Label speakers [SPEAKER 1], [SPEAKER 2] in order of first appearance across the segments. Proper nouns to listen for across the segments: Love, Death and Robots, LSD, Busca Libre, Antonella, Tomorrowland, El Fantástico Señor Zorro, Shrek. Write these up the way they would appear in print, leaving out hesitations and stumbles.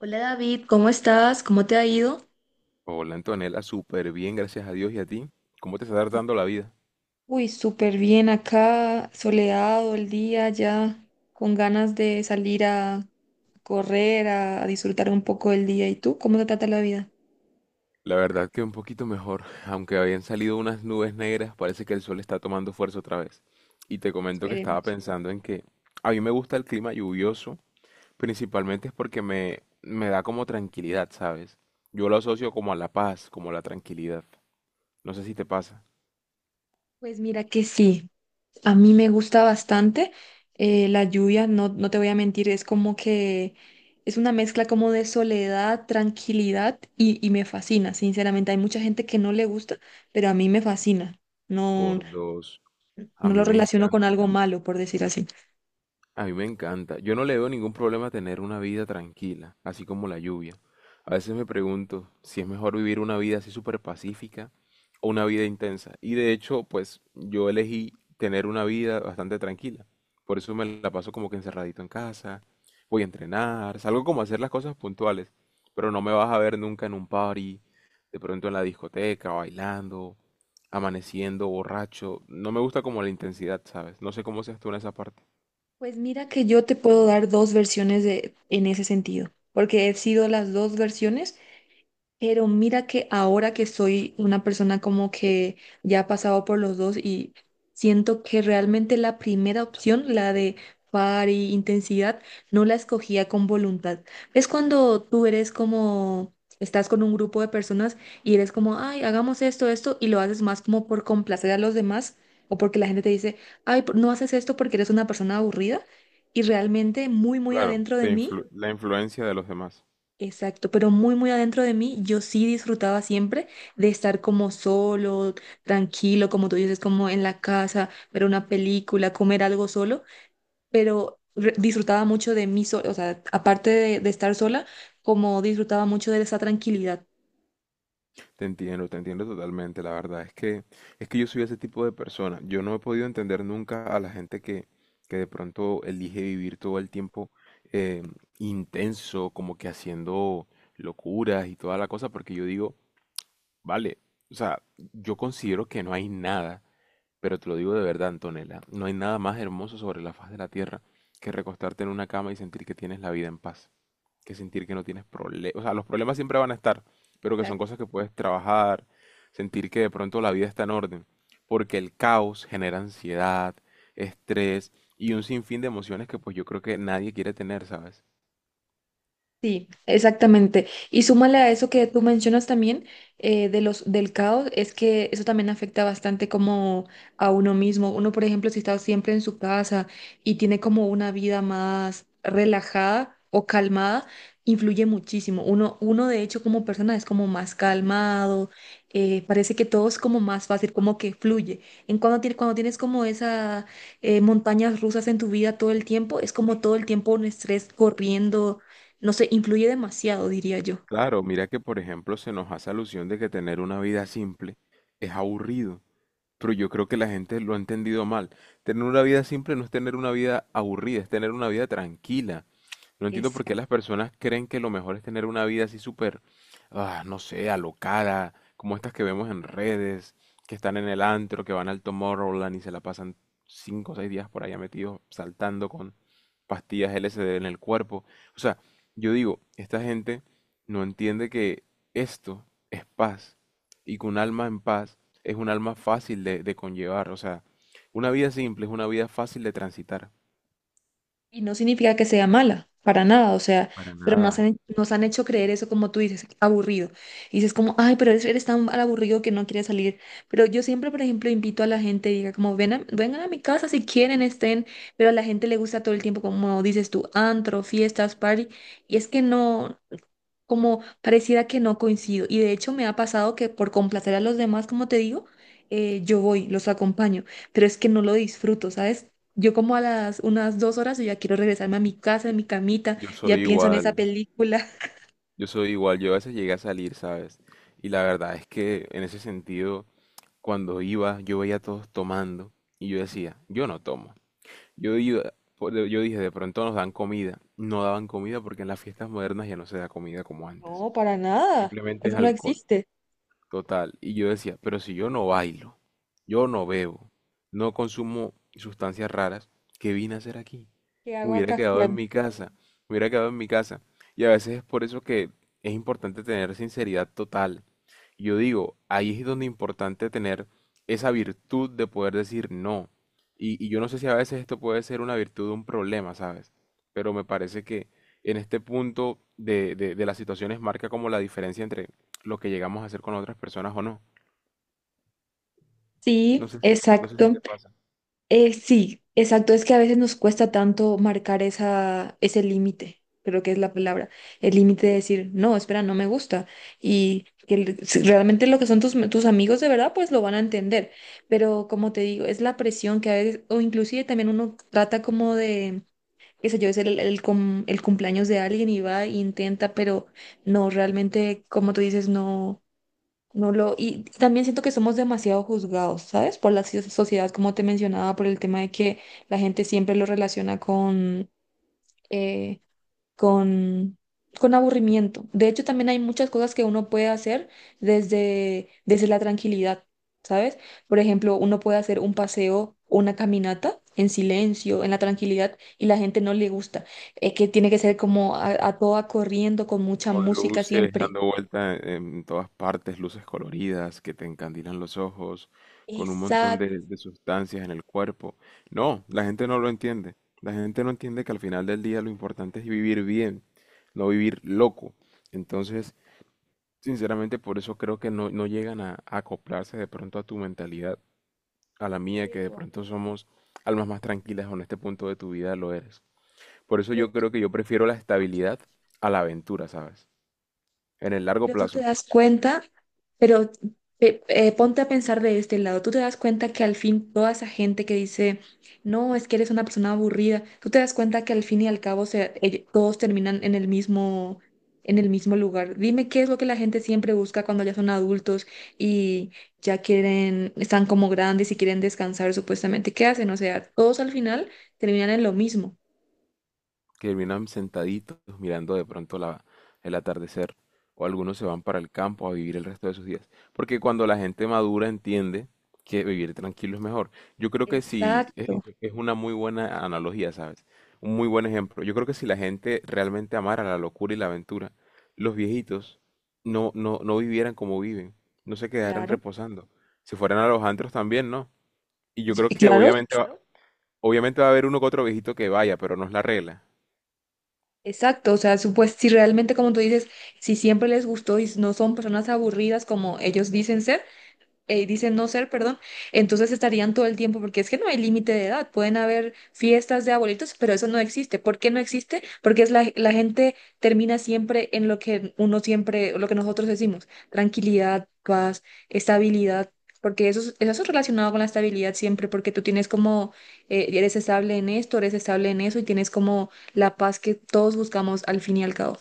[SPEAKER 1] Hola David, ¿cómo estás? ¿Cómo te ha ido?
[SPEAKER 2] Hola Antonella, súper bien, gracias a Dios y a ti. ¿Cómo te está dando la vida?
[SPEAKER 1] Uy, súper bien acá, soleado el día ya, con ganas de salir a correr, a disfrutar un poco del día. ¿Y tú? ¿Cómo te trata la vida?
[SPEAKER 2] La verdad que un poquito mejor, aunque habían salido unas nubes negras, parece que el sol está tomando fuerza otra vez. Y te comento que estaba
[SPEAKER 1] Esperemos.
[SPEAKER 2] pensando en que a mí me gusta el clima lluvioso, principalmente es porque me da como tranquilidad, ¿sabes? Yo lo asocio como a la paz, como a la tranquilidad. No sé si te pasa.
[SPEAKER 1] Pues mira que sí, a mí me gusta bastante la lluvia, no te voy a mentir, es como que es una mezcla como de soledad, tranquilidad y me fascina, sinceramente. Hay mucha gente que no le gusta, pero a mí me fascina.
[SPEAKER 2] Por
[SPEAKER 1] No.
[SPEAKER 2] dos, a
[SPEAKER 1] No
[SPEAKER 2] mí
[SPEAKER 1] lo
[SPEAKER 2] me
[SPEAKER 1] relaciono con algo
[SPEAKER 2] encanta.
[SPEAKER 1] malo, por decir así.
[SPEAKER 2] A mí me encanta. Yo no le veo ningún problema a tener una vida tranquila, así como la lluvia. A veces me pregunto si es mejor vivir una vida así súper pacífica o una vida intensa. Y de hecho, pues yo elegí tener una vida bastante tranquila. Por eso me la paso como que encerradito en casa, voy a entrenar, salgo como a hacer las cosas puntuales. Pero no me vas a ver nunca en un party, de pronto en la discoteca, bailando, amaneciendo, borracho. No me gusta como la intensidad, ¿sabes? No sé cómo seas tú en esa parte.
[SPEAKER 1] Pues mira que yo te puedo dar dos versiones de, en ese sentido, porque he sido las dos versiones. Pero mira que ahora que soy una persona como que ya ha pasado por los dos y siento que realmente la primera opción, la de par y intensidad, no la escogía con voluntad. Es cuando tú eres como, estás con un grupo de personas y eres como, ay, hagamos esto, esto, y lo haces más como por complacer a los demás o porque la gente te dice, ay, no haces esto porque eres una persona aburrida. Y realmente muy, muy
[SPEAKER 2] Claro,
[SPEAKER 1] adentro de mí.
[SPEAKER 2] la influencia de los demás.
[SPEAKER 1] Exacto, pero muy, muy adentro de mí, yo sí disfrutaba siempre de estar como solo, tranquilo, como tú dices, como en la casa, ver una película, comer algo solo, pero disfrutaba mucho de mí sola, o sea, aparte de estar sola, como disfrutaba mucho de esa tranquilidad.
[SPEAKER 2] Te entiendo totalmente. La verdad es que yo soy ese tipo de persona. Yo no he podido entender nunca a la gente que de pronto elige vivir todo el tiempo eh, intenso, como que haciendo locuras y toda la cosa, porque yo digo, vale, o sea, yo considero que no hay nada, pero te lo digo de verdad, Antonella, no hay nada más hermoso sobre la faz de la tierra que recostarte en una cama y sentir que tienes la vida en paz, que sentir que no tienes problemas. O sea, los problemas siempre van a estar, pero que son
[SPEAKER 1] Exacto.
[SPEAKER 2] cosas que puedes trabajar, sentir que de pronto la vida está en orden, porque el caos genera ansiedad, estrés y un sinfín de emociones que pues yo creo que nadie quiere tener, ¿sabes?
[SPEAKER 1] Sí, exactamente. Y súmale a eso que tú mencionas también de los, del caos, es que eso también afecta bastante como a uno mismo. Uno, por ejemplo, si está siempre en su casa y tiene como una vida más relajada o calmada, influye muchísimo. Uno de hecho, como persona es como más calmado, parece que todo es como más fácil, como que fluye. En cuando tienes como esas montañas rusas en tu vida todo el tiempo, es como todo el tiempo un estrés corriendo, no sé, influye demasiado, diría yo.
[SPEAKER 2] Claro, mira que por ejemplo se nos hace alusión de que tener una vida simple es aburrido, pero yo creo que la gente lo ha entendido mal. Tener una vida simple no es tener una vida aburrida, es tener una vida tranquila. No entiendo por qué
[SPEAKER 1] Exacto.
[SPEAKER 2] las personas creen que lo mejor es tener una vida así súper, ah, no sé, alocada, como estas que vemos en redes, que están en el antro, que van al Tomorrowland y se la pasan 5 o 6 días por allá metidos, saltando con pastillas LSD en el cuerpo. O sea, yo digo, esta gente no entiende que esto es paz y que un alma en paz es un alma fácil de conllevar. O sea, una vida simple es una vida fácil de transitar.
[SPEAKER 1] Y no significa que sea mala, para nada, o sea,
[SPEAKER 2] Para
[SPEAKER 1] pero nos
[SPEAKER 2] nada.
[SPEAKER 1] han, nos han hecho creer eso como tú dices, aburrido. Y dices como, ay, pero eres tan aburrido que no quieres salir. Pero yo siempre, por ejemplo, invito a la gente y diga como, vengan a mi casa si quieren, estén, pero a la gente le gusta todo el tiempo, como dices tú, antro, fiestas, party. Y es que no, como pareciera que no coincido. Y de hecho me ha pasado que por complacer a los demás, como te digo, yo voy, los acompaño, pero es que no lo disfruto, ¿sabes? Yo como a las unas dos horas yo ya quiero regresarme a mi casa, a mi camita,
[SPEAKER 2] Yo
[SPEAKER 1] ya
[SPEAKER 2] soy
[SPEAKER 1] pienso en esa
[SPEAKER 2] igual.
[SPEAKER 1] película.
[SPEAKER 2] Yo soy igual, yo a veces llegué a salir, ¿sabes? Y la verdad es que en ese sentido, cuando iba, yo veía a todos tomando y yo decía, yo no tomo. Yo iba, yo dije, de pronto nos dan comida. No daban comida porque en las fiestas modernas ya no se da comida como antes.
[SPEAKER 1] No, para nada.
[SPEAKER 2] Simplemente
[SPEAKER 1] Eso
[SPEAKER 2] es
[SPEAKER 1] no
[SPEAKER 2] alcohol.
[SPEAKER 1] existe.
[SPEAKER 2] Total. Y yo decía, pero si yo no bailo, yo no bebo, no consumo sustancias raras, ¿qué vine a hacer aquí?
[SPEAKER 1] ¿Qué
[SPEAKER 2] Me
[SPEAKER 1] hago
[SPEAKER 2] hubiera
[SPEAKER 1] acá?
[SPEAKER 2] quedado en
[SPEAKER 1] Bueno,
[SPEAKER 2] mi casa, me hubiera quedado en mi casa. Y a veces es por eso que es importante tener sinceridad total. Yo digo, ahí es donde es importante tener esa virtud de poder decir no. Y yo no sé si a veces esto puede ser una virtud o un problema, ¿sabes? Pero me parece que en este punto de las situaciones marca como la diferencia entre lo que llegamos a hacer con otras personas o no. No
[SPEAKER 1] sí,
[SPEAKER 2] sé si, no sé si
[SPEAKER 1] exacto.
[SPEAKER 2] te pasa.
[SPEAKER 1] Sí, exacto. Es que a veces nos cuesta tanto marcar esa, ese límite, creo que es la palabra, el límite de decir, no, espera, no me gusta. Y que si realmente lo que son tus, tus amigos de verdad, pues lo van a entender. Pero como te digo, es la presión que a veces, o inclusive también uno trata como de, qué sé yo, es el cumpleaños de alguien y va e intenta, pero no, realmente, como tú dices, no. No lo, y también siento que somos demasiado juzgados, ¿sabes? Por sociedad, como te mencionaba, por el tema de que la gente siempre lo relaciona con, eh, con, con aburrimiento. De hecho, también hay muchas cosas que uno puede hacer desde la tranquilidad, ¿sabes? Por ejemplo, uno puede hacer un paseo, una caminata en silencio, en la tranquilidad, y la gente no le gusta. Que tiene que ser como a toda corriendo, con mucha
[SPEAKER 2] Con
[SPEAKER 1] música
[SPEAKER 2] luces
[SPEAKER 1] siempre.
[SPEAKER 2] dando vuelta en todas partes, luces coloridas que te encandilan los ojos, con un montón
[SPEAKER 1] Exacto.
[SPEAKER 2] de sustancias en el cuerpo. No, la gente no lo entiende. La gente no entiende que al final del día lo importante es vivir bien, no vivir loco. Entonces, sinceramente, por eso creo que no llegan a acoplarse de pronto a tu mentalidad, a la mía, que de pronto somos almas más tranquilas o en este punto de tu vida lo eres. Por eso
[SPEAKER 1] Pero
[SPEAKER 2] yo creo que yo prefiero la estabilidad a la aventura, ¿sabes? En el largo
[SPEAKER 1] Pero tú te
[SPEAKER 2] plazo,
[SPEAKER 1] das cuenta, pero ponte a pensar de este lado, tú te das cuenta que al fin toda esa gente que dice, no, es que eres una persona aburrida, tú te das cuenta que al fin y al cabo todos terminan en el mismo lugar. Dime qué es lo que la gente siempre busca cuando ya son adultos y ya quieren, están como grandes y quieren descansar supuestamente. ¿Qué hacen? O sea, todos al final terminan en lo mismo.
[SPEAKER 2] que terminan sentaditos mirando de pronto la, el atardecer, o algunos se van para el campo a vivir el resto de sus días. Porque cuando la gente madura entiende que vivir tranquilo es mejor. Yo creo que si es
[SPEAKER 1] Exacto,
[SPEAKER 2] es una muy buena analogía, ¿sabes? Un muy buen ejemplo. Yo creo que si la gente realmente amara la locura y la aventura, los viejitos no, no, no vivieran como viven, no se quedaran
[SPEAKER 1] claro.
[SPEAKER 2] reposando. Si fueran a los antros también, ¿no? Y yo
[SPEAKER 1] Sí,
[SPEAKER 2] creo que
[SPEAKER 1] claro.
[SPEAKER 2] obviamente va, claro, obviamente va a haber uno que otro viejito que vaya, pero no es la regla.
[SPEAKER 1] Exacto, o sea, si realmente como tú dices, si siempre les gustó y no son personas aburridas como ellos dicen ser, dicen no ser, perdón, entonces estarían todo el tiempo, porque es que no hay límite de edad, pueden haber fiestas de abuelitos, pero eso no existe. ¿Por qué no existe? Porque es la gente termina siempre en lo que uno siempre, lo que nosotros decimos, tranquilidad, paz, estabilidad, porque eso, eso es relacionado con la estabilidad siempre, porque tú tienes como, eres estable en esto, eres estable en eso y tienes como la paz que todos buscamos al fin y al cabo.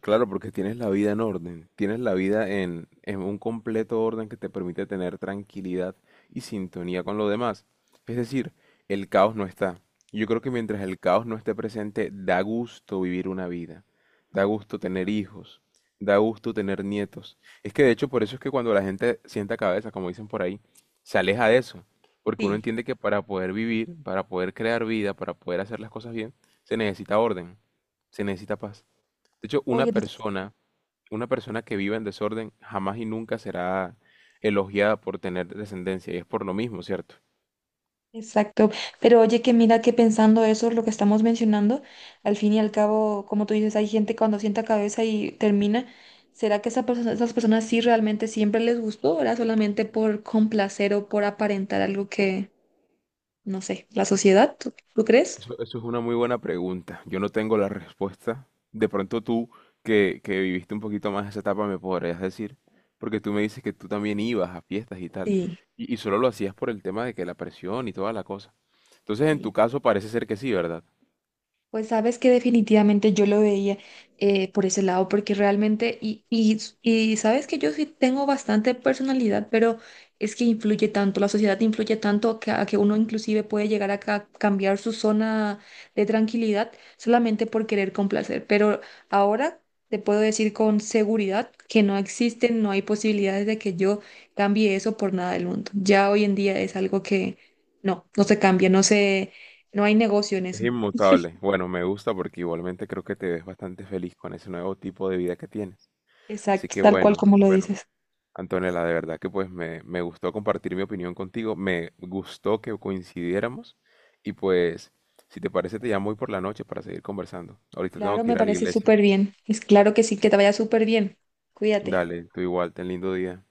[SPEAKER 2] Claro, porque tienes la vida en orden, tienes la vida en un completo orden que te permite tener tranquilidad y sintonía con lo demás. Es decir, el caos no está. Yo creo que mientras el caos no esté presente, da gusto vivir una vida, da gusto tener hijos, da gusto tener nietos. Es que de hecho por eso es que cuando la gente sienta cabeza, como dicen por ahí, se aleja de eso, porque uno
[SPEAKER 1] Sí.
[SPEAKER 2] entiende que para poder vivir, para poder crear vida, para poder hacer las cosas bien, se necesita orden, se necesita paz. De hecho, una persona que viva en desorden jamás y nunca será elogiada por tener descendencia, y es por lo mismo, ¿cierto?
[SPEAKER 1] Exacto, pero oye que mira que pensando eso, lo que estamos mencionando, al fin y al cabo, como tú dices, hay gente cuando sienta cabeza y termina, ¿será que esa persona, esas personas sí realmente siempre les gustó o era solamente por complacer o por aparentar algo que, no sé, la sociedad, ¿tú, tú crees?
[SPEAKER 2] Eso es una muy buena pregunta. Yo no tengo la respuesta. De pronto tú, que viviste un poquito más esa etapa, me podrías decir, porque tú me dices que tú también ibas a fiestas y tal,
[SPEAKER 1] Sí,
[SPEAKER 2] y solo lo hacías por el tema de que la presión y toda la cosa. Entonces, en
[SPEAKER 1] sí.
[SPEAKER 2] tu caso parece ser que sí, ¿verdad?
[SPEAKER 1] Pues sabes que definitivamente yo lo veía por ese lado, porque realmente, y sabes que yo sí tengo bastante personalidad, pero es que influye tanto, la sociedad influye tanto que, a que uno inclusive puede llegar a cambiar su zona de tranquilidad solamente por querer complacer. Pero ahora te puedo decir con seguridad que no existen, no hay posibilidades de que yo cambie eso por nada del mundo. Ya hoy en día es algo que no se cambia, no se, no hay negocio en
[SPEAKER 2] Es
[SPEAKER 1] eso.
[SPEAKER 2] inmutable. Bueno, me gusta porque igualmente creo que te ves bastante feliz con ese nuevo tipo de vida que tienes. Así
[SPEAKER 1] Exacto,
[SPEAKER 2] que
[SPEAKER 1] tal cual
[SPEAKER 2] bueno,
[SPEAKER 1] como lo
[SPEAKER 2] bueno,
[SPEAKER 1] dices.
[SPEAKER 2] Antonella, de verdad que pues me gustó compartir mi opinión contigo, me gustó que coincidiéramos y pues si te parece te llamo hoy por la noche para seguir conversando. Ahorita tengo
[SPEAKER 1] Claro,
[SPEAKER 2] que
[SPEAKER 1] me
[SPEAKER 2] ir a la
[SPEAKER 1] parece
[SPEAKER 2] iglesia.
[SPEAKER 1] súper bien. Es claro que sí, que te vaya súper bien. Cuídate.
[SPEAKER 2] Dale, tú igual, ten lindo día.